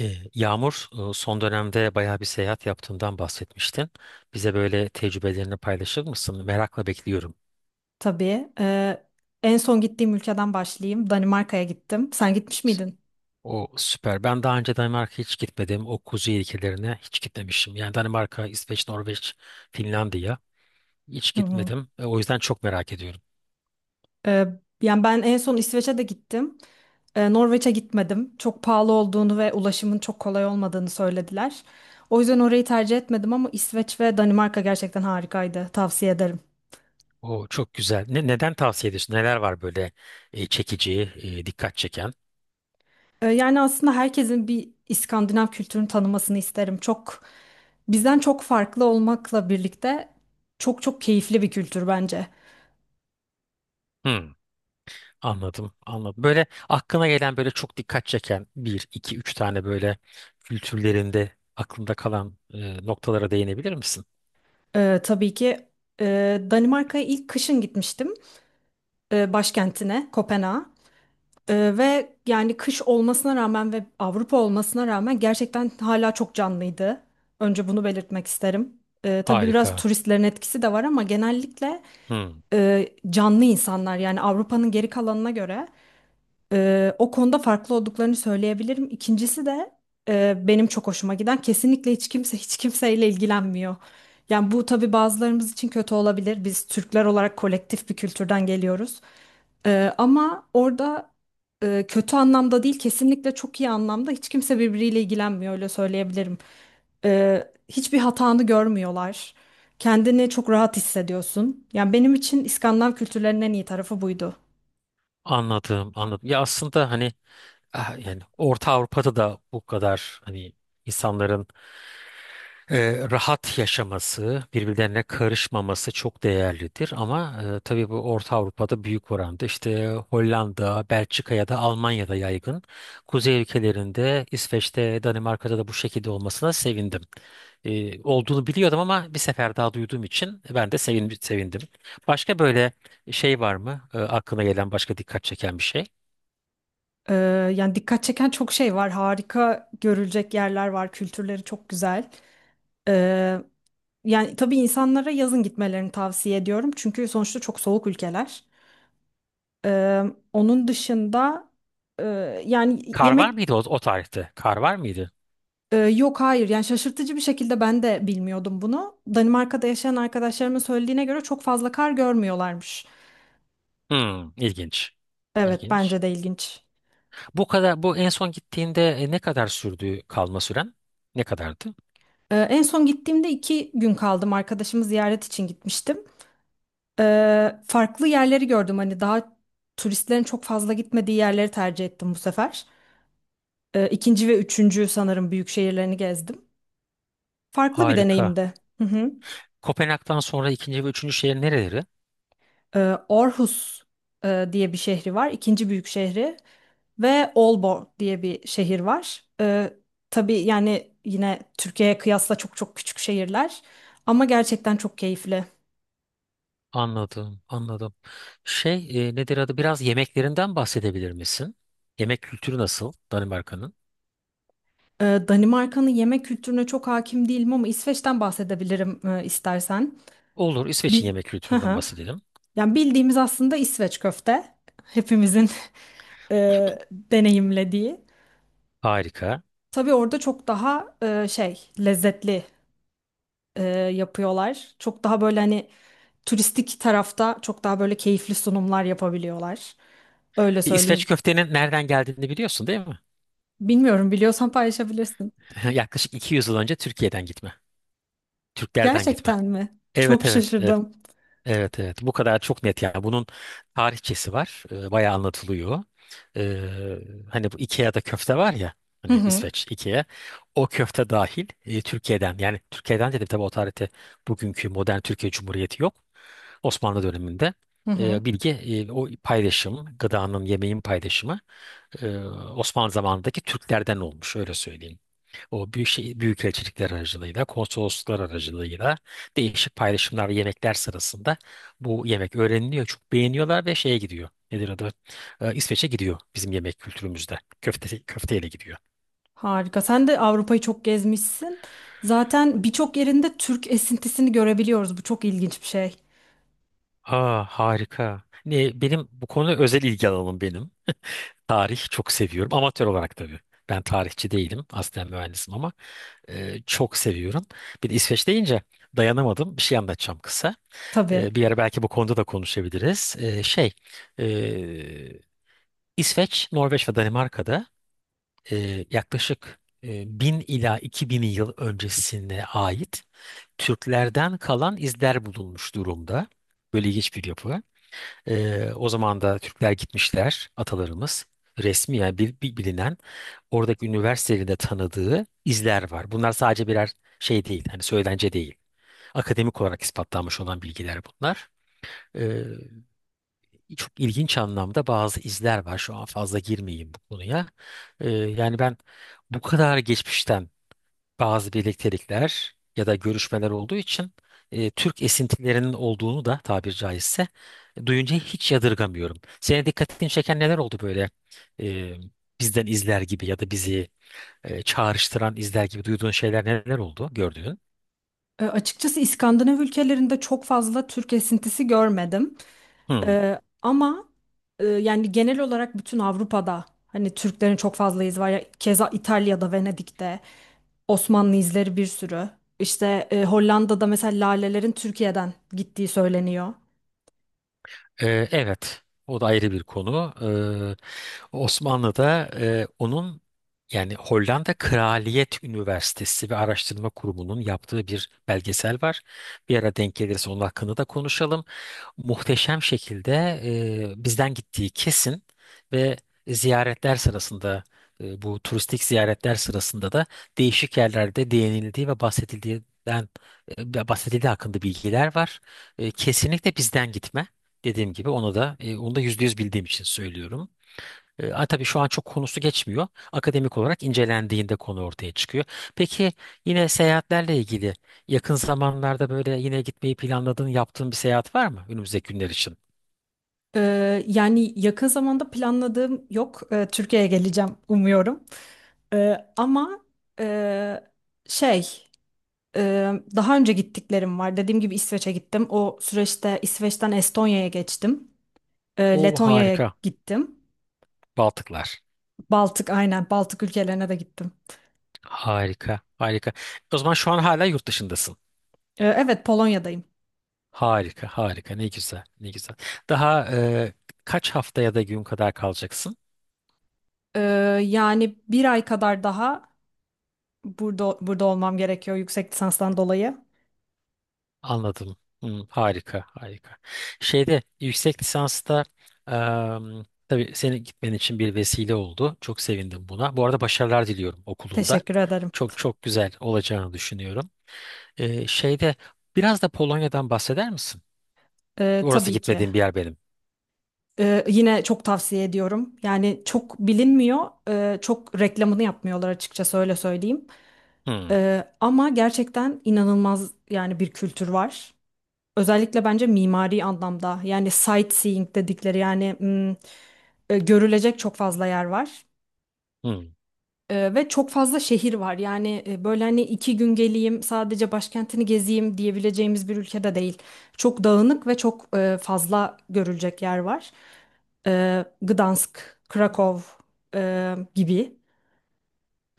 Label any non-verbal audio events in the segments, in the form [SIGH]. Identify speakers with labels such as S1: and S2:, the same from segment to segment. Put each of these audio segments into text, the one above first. S1: Yağmur, son dönemde bayağı bir seyahat yaptığından bahsetmiştin. Bize böyle tecrübelerini paylaşır mısın? Merakla bekliyorum.
S2: Tabii. En son gittiğim ülkeden başlayayım. Danimarka'ya gittim. Sen gitmiş miydin?
S1: O süper. Ben daha önce Danimarka'ya hiç gitmedim. O kuzey ülkelerine hiç gitmemişim. Yani Danimarka, İsveç, Norveç, Finlandiya hiç
S2: Hı hı.
S1: gitmedim. O yüzden çok merak ediyorum.
S2: Ee, Yani ben en son İsveç'e de gittim. Norveç'e gitmedim. Çok pahalı olduğunu ve ulaşımın çok kolay olmadığını söylediler. O yüzden orayı tercih etmedim ama İsveç ve Danimarka gerçekten harikaydı. Tavsiye ederim.
S1: O çok güzel. Neden tavsiye ediyorsun? Neler var böyle çekici, dikkat çeken?
S2: Yani aslında herkesin bir İskandinav kültürünü tanımasını isterim. Bizden çok farklı olmakla birlikte çok çok keyifli bir kültür bence.
S1: Hmm. Anladım, anladım. Böyle aklına gelen böyle çok dikkat çeken bir, iki, üç tane böyle kültürlerinde aklında kalan noktalara değinebilir misin?
S2: Tabii ki, e, Danimarka'ya ilk kışın gitmiştim, başkentine Kopenhag'a. Ve yani kış olmasına rağmen ve Avrupa olmasına rağmen gerçekten hala çok canlıydı. Önce bunu belirtmek isterim. Tabii biraz
S1: Harika.
S2: turistlerin etkisi de var ama genellikle
S1: Hmm.
S2: canlı insanlar yani Avrupa'nın geri kalanına göre. O konuda farklı olduklarını söyleyebilirim. İkincisi de benim çok hoşuma giden, kesinlikle hiç kimse hiç kimseyle ilgilenmiyor. Yani bu tabii bazılarımız için kötü olabilir. Biz Türkler olarak kolektif bir kültürden geliyoruz. Ama orada, kötü anlamda değil kesinlikle çok iyi anlamda, hiç kimse birbiriyle ilgilenmiyor, öyle söyleyebilirim. Hiçbir hatanı görmüyorlar. Kendini çok rahat hissediyorsun. Yani benim için İskandinav kültürlerinin en iyi tarafı buydu.
S1: Anladım, anladım. Ya aslında hani yani Orta Avrupa'da da bu kadar hani insanların rahat yaşaması, birbirlerine karışmaması çok değerlidir, ama tabii bu Orta Avrupa'da büyük oranda işte Hollanda, Belçika ya da Almanya'da yaygın. Kuzey ülkelerinde, İsveç'te, Danimarka'da da bu şekilde olmasına sevindim. Olduğunu biliyordum ama bir sefer daha duyduğum için ben de sevindim. Başka böyle şey var mı? Aklına gelen başka dikkat çeken bir şey?
S2: Ee, Yani dikkat çeken çok şey var. Harika görülecek yerler var. Kültürleri çok güzel. Ee, Yani tabii insanlara yazın gitmelerini tavsiye ediyorum. Çünkü sonuçta çok soğuk ülkeler. Ee, Onun dışında, e, yani
S1: Kar var
S2: yemek...
S1: mıydı o tarihte? Kar var mıydı?
S2: Yok, hayır. Yani şaşırtıcı bir şekilde ben de bilmiyordum bunu. Danimarka'da yaşayan arkadaşlarımın söylediğine göre çok fazla kar görmüyorlarmış.
S1: Hmm, ilginç.
S2: Evet,
S1: İlginç.
S2: bence de ilginç.
S1: Bu en son gittiğinde ne kadar sürdü kalma süren? Ne kadardı?
S2: En son gittiğimde 2 gün kaldım. Arkadaşımı ziyaret için gitmiştim. Farklı yerleri gördüm. Hani daha turistlerin çok fazla gitmediği yerleri tercih ettim bu sefer. İkinci ve üçüncü sanırım büyük şehirlerini gezdim. Farklı bir
S1: Harika.
S2: deneyimdi. Hı hı.
S1: Kopenhag'dan sonra ikinci ve üçüncü şehir nereleri?
S2: Ee, Aarhus diye bir şehri var, ikinci büyük şehri. Ve Aalborg diye bir şehir var. Tabii yani yine Türkiye'ye kıyasla çok çok küçük şehirler. Ama gerçekten çok keyifli.
S1: Anladım, anladım. Şey, nedir adı? Biraz yemeklerinden bahsedebilir misin? Yemek kültürü nasıl Danimarka'nın?
S2: Danimarka'nın yemek kültürüne çok hakim değilim ama İsveç'ten bahsedebilirim, istersen.
S1: Olur, İsveç'in
S2: Bil
S1: yemek
S2: Hı
S1: kültüründen
S2: hı.
S1: bahsedelim.
S2: Yani bildiğimiz aslında İsveç köfte. Hepimizin [LAUGHS] deneyimlediği.
S1: Harika.
S2: Tabii orada çok daha şey, lezzetli, e, yapıyorlar. Çok daha böyle hani turistik tarafta çok daha böyle keyifli sunumlar yapabiliyorlar. Öyle söyleyeyim.
S1: İsveç köftenin nereden geldiğini biliyorsun, değil mi?
S2: Bilmiyorum, biliyorsan paylaşabilirsin.
S1: [LAUGHS] Yaklaşık 200 yıl önce Türkiye'den gitme. Türklerden gitme.
S2: Gerçekten mi? Çok
S1: Evet, evet, evet.
S2: şaşırdım.
S1: Evet, evet, bu kadar çok net. Yani bunun tarihçesi var. Bayağı anlatılıyor. Ee, Hani bu Ikea'da köfte var ya,
S2: Hı
S1: hani
S2: hı.
S1: İsveç Ikea, o köfte dahil Türkiye'den. Yani Türkiye'den dedim, tabii o tarihte bugünkü modern Türkiye Cumhuriyeti yok, Osmanlı döneminde.
S2: Hı hı.
S1: O paylaşım, gıdanın yemeğin paylaşımı, e, Osmanlı zamanındaki Türklerden olmuş, öyle söyleyeyim. O büyük şey, büyükelçilikler aracılığıyla, konsolosluklar aracılığıyla, değişik paylaşımlar ve yemekler sırasında bu yemek öğreniliyor. Çok beğeniyorlar ve şeye gidiyor. Nedir adı? İsveç'e gidiyor bizim yemek kültürümüzde. Köfte, köfteyle gidiyor.
S2: Harika. Sen de Avrupa'yı çok gezmişsin. Zaten birçok yerinde Türk esintisini görebiliyoruz. Bu çok ilginç bir şey.
S1: Aa, harika. Benim bu konu özel ilgi alanım benim. Tarih çok seviyorum. Amatör olarak tabii. Ben tarihçi değilim. Aslen mühendisim ama çok seviyorum. Bir de İsveç deyince dayanamadım. Bir şey anlatacağım kısa.
S2: Tabii.
S1: Bir ara belki bu konuda da konuşabiliriz. E, İsveç, Norveç ve Danimarka'da yaklaşık 1000 ila 2000 yıl öncesine ait Türklerden kalan izler bulunmuş durumda. Böyle ilginç bir yapı. O zaman da Türkler gitmişler, atalarımız. Resmi, yani bilinen, oradaki üniversitelerin de tanıdığı izler var. Bunlar sadece birer şey değil, hani söylence değil. Akademik olarak ispatlanmış olan bilgiler bunlar. Çok ilginç anlamda bazı izler var. Şu an fazla girmeyeyim bu konuya. Yani ben bu kadar geçmişten bazı birliktelikler ya da görüşmeler olduğu için, Türk esintilerinin olduğunu da, tabir caizse, duyunca hiç yadırgamıyorum. Senin dikkatini çeken neler oldu böyle, e, bizden izler gibi ya da bizi çağrıştıran izler gibi duyduğun şeyler, neler oldu gördüğün?
S2: Açıkçası İskandinav ülkelerinde çok fazla Türk esintisi görmedim. E, ama Yani genel olarak bütün Avrupa'da hani Türklerin çok fazla izi var. Ya, keza İtalya'da, Venedik'te, Osmanlı izleri bir sürü. İşte, Hollanda'da mesela lalelerin Türkiye'den gittiği söyleniyor.
S1: Evet, o da ayrı bir konu. Osmanlı'da, onun, yani Hollanda Kraliyet Üniversitesi ve Araştırma Kurumu'nun yaptığı bir belgesel var. Bir ara denk gelirse onun hakkında da konuşalım. Muhteşem şekilde, bizden gittiği kesin ve ziyaretler sırasında, bu turistik ziyaretler sırasında da değişik yerlerde değinildiği ve bahsedildiği hakkında bilgiler var. Kesinlikle bizden gitme. Dediğim gibi onu da %100 bildiğim için söylüyorum. Tabii şu an çok konusu geçmiyor. Akademik olarak incelendiğinde konu ortaya çıkıyor. Peki, yine seyahatlerle ilgili, yakın zamanlarda böyle yine gitmeyi planladığın, yaptığın bir seyahat var mı önümüzdeki günler için?
S2: E, Yani yakın zamanda planladığım yok. E, Türkiye'ye geleceğim umuyorum. E, ama e, şey. Daha önce gittiklerim var. Dediğim gibi İsveç'e gittim. O süreçte İsveç'ten Estonya'ya geçtim.
S1: O
S2: Letonya'ya
S1: harika.
S2: gittim.
S1: Baltıklar.
S2: Baltık, aynen, Baltık ülkelerine de gittim.
S1: Harika, harika. O zaman şu an hala yurt dışındasın.
S2: Evet, Polonya'dayım.
S1: Harika, harika. Ne güzel, ne güzel. Daha kaç haftaya da gün kadar kalacaksın?
S2: Ee, Yani 1 ay kadar daha burada olmam gerekiyor yüksek lisanstan dolayı.
S1: Anladım. Hmm, harika, harika. Şeyde yüksek lisansta, em, tabii senin gitmen için bir vesile oldu. Çok sevindim buna. Bu arada başarılar diliyorum okulunda.
S2: Teşekkür ederim.
S1: Çok çok güzel olacağını düşünüyorum. Şeyde biraz da Polonya'dan bahseder misin? Orası
S2: Tabii ki.
S1: gitmediğim bir yer benim.
S2: Yine çok tavsiye ediyorum. Yani çok bilinmiyor, çok reklamını yapmıyorlar açıkçası, öyle söyleyeyim.
S1: Hmm,
S2: Ama gerçekten inanılmaz yani bir kültür var. Özellikle bence mimari anlamda, yani sightseeing dedikleri yani, görülecek çok fazla yer var.
S1: hmm.
S2: Ve çok fazla şehir var. Yani böyle hani 2 gün geleyim sadece başkentini gezeyim diyebileceğimiz bir ülkede değil. Çok dağınık ve çok fazla görülecek yer var. Gdansk, Krakow gibi.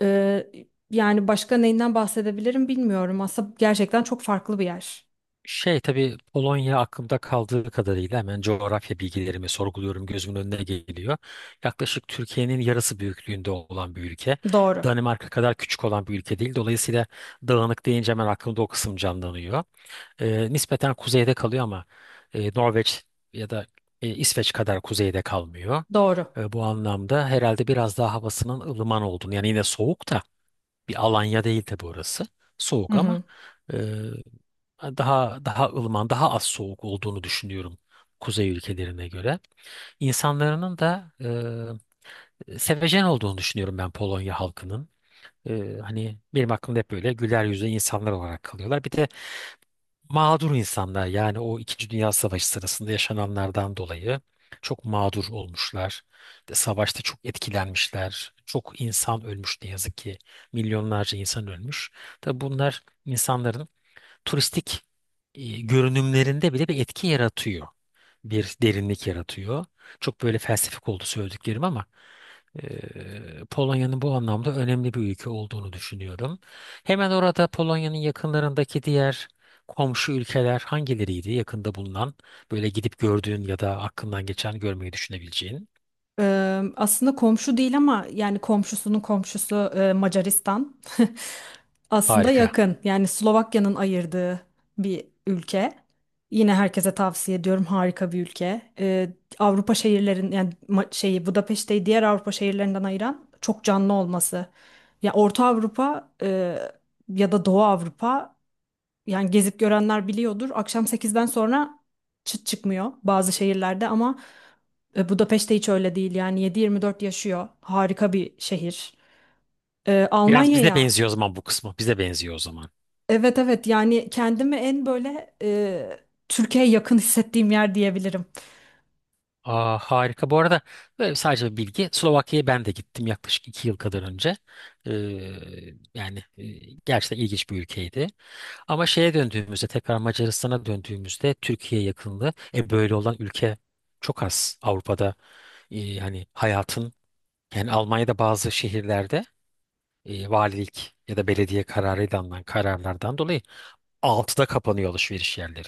S2: Ee, Yani başka neyinden bahsedebilirim bilmiyorum. Aslında gerçekten çok farklı bir yer.
S1: Şey, tabii Polonya aklımda kaldığı kadarıyla hemen coğrafya bilgilerimi sorguluyorum, gözümün önüne geliyor. Yaklaşık Türkiye'nin yarısı büyüklüğünde olan bir ülke.
S2: Doğru,
S1: Danimarka kadar küçük olan bir ülke değil. Dolayısıyla dağınık deyince hemen aklımda o kısım canlanıyor. Nispeten kuzeyde kalıyor ama Norveç ya da İsveç kadar kuzeyde kalmıyor.
S2: doğru.
S1: Bu anlamda herhalde biraz daha havasının ılıman olduğunu, yani yine soğuk da bir Alanya değil tabii orası.
S2: Hı
S1: Soğuk ama
S2: hı.
S1: daha daha ılıman, daha az soğuk olduğunu düşünüyorum kuzey ülkelerine göre. İnsanlarının da sevecen olduğunu düşünüyorum ben, Polonya halkının. Hani benim aklımda hep böyle güler yüzlü insanlar olarak kalıyorlar. Bir de mağdur insanlar, yani o İkinci Dünya Savaşı sırasında yaşananlardan dolayı çok mağdur olmuşlar. Savaşta çok etkilenmişler. Çok insan ölmüş, ne yazık ki. Milyonlarca insan ölmüş. Tabii bunlar insanların turistik görünümlerinde bile bir etki yaratıyor. Bir derinlik yaratıyor. Çok böyle felsefik oldu söylediklerim ama Polonya'nın bu anlamda önemli bir ülke olduğunu düşünüyorum. Hemen orada Polonya'nın yakınlarındaki diğer komşu ülkeler hangileriydi, yakında bulunan, böyle gidip gördüğün ya da aklından geçen görmeyi düşünebileceğin?
S2: Aslında komşu değil ama yani komşusunun komşusu, Macaristan. [LAUGHS] Aslında
S1: Harika.
S2: yakın. Yani Slovakya'nın ayırdığı bir ülke. Yine herkese tavsiye ediyorum. Harika bir ülke. Avrupa şehirlerin yani şeyi Budapeşte'yi diğer Avrupa şehirlerinden ayıran çok canlı olması. Ya Orta Avrupa, ya da Doğu Avrupa, yani gezip görenler biliyordur. Akşam 8'den sonra çıt çıkmıyor bazı şehirlerde ama Budapeşte hiç öyle değil. Yani 7/24 yaşıyor. Harika bir şehir. E,
S1: Biraz bize
S2: Almanya'ya
S1: benziyor o zaman bu kısmı. Bize benziyor o zaman.
S2: Evet, evet, yani kendimi en böyle, Türkiye'ye yakın hissettiğim yer diyebilirim.
S1: Aa, harika. Bu arada böyle sadece bir bilgi. Slovakya'ya ben de gittim yaklaşık 2 yıl kadar önce. Ee, Yani gerçekten ilginç bir ülkeydi. Ama şeye döndüğümüzde, tekrar Macaristan'a döndüğümüzde, Türkiye yakınlığı. Böyle olan ülke çok az Avrupa'da. Hani hayatın, yani Almanya'da bazı şehirlerde valilik ya da belediye kararıyla alınan kararlardan dolayı 6'da kapanıyor alışveriş yerleri.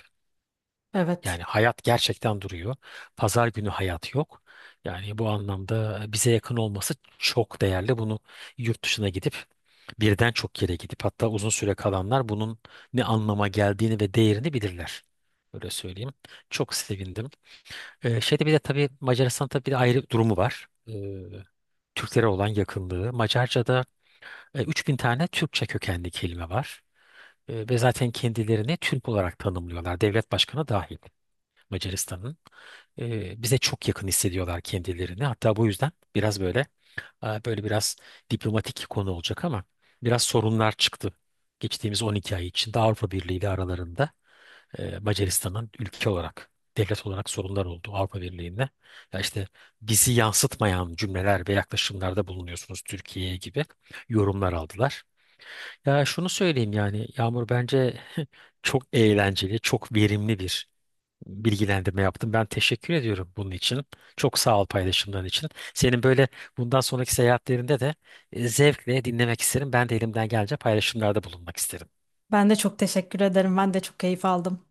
S2: Evet.
S1: Yani hayat gerçekten duruyor. Pazar günü hayat yok. Yani bu anlamda bize yakın olması çok değerli. Bunu yurt dışına gidip, birden çok yere gidip, hatta uzun süre kalanlar bunun ne anlama geldiğini ve değerini bilirler. Öyle söyleyeyim. Çok sevindim. Şeyde bir de tabii Macaristan'ın tabii bir de ayrı durumu var. Türklere olan yakınlığı. Macarca'da 3000 tane Türkçe kökenli kelime var. Ve zaten kendilerini Türk olarak tanımlıyorlar. Devlet başkanı dahil Macaristan'ın, bize çok yakın hissediyorlar kendilerini. Hatta bu yüzden böyle biraz diplomatik konu olacak ama biraz sorunlar çıktı. Geçtiğimiz 12 ay içinde Avrupa Birliği ile aralarında, Macaristan'ın ülke olarak, devlet olarak sorunlar oldu Avrupa Birliği'nde. Ya işte, "bizi yansıtmayan cümleler ve yaklaşımlarda bulunuyorsunuz Türkiye'ye" gibi yorumlar aldılar. Ya şunu söyleyeyim, yani Yağmur, bence [LAUGHS] çok eğlenceli, çok verimli bir bilgilendirme yaptım. Ben teşekkür ediyorum bunun için. Çok sağ ol paylaşımların için. Senin böyle bundan sonraki seyahatlerinde de zevkle dinlemek isterim. Ben de elimden gelince paylaşımlarda bulunmak isterim.
S2: Ben de çok teşekkür ederim. Ben de çok keyif aldım.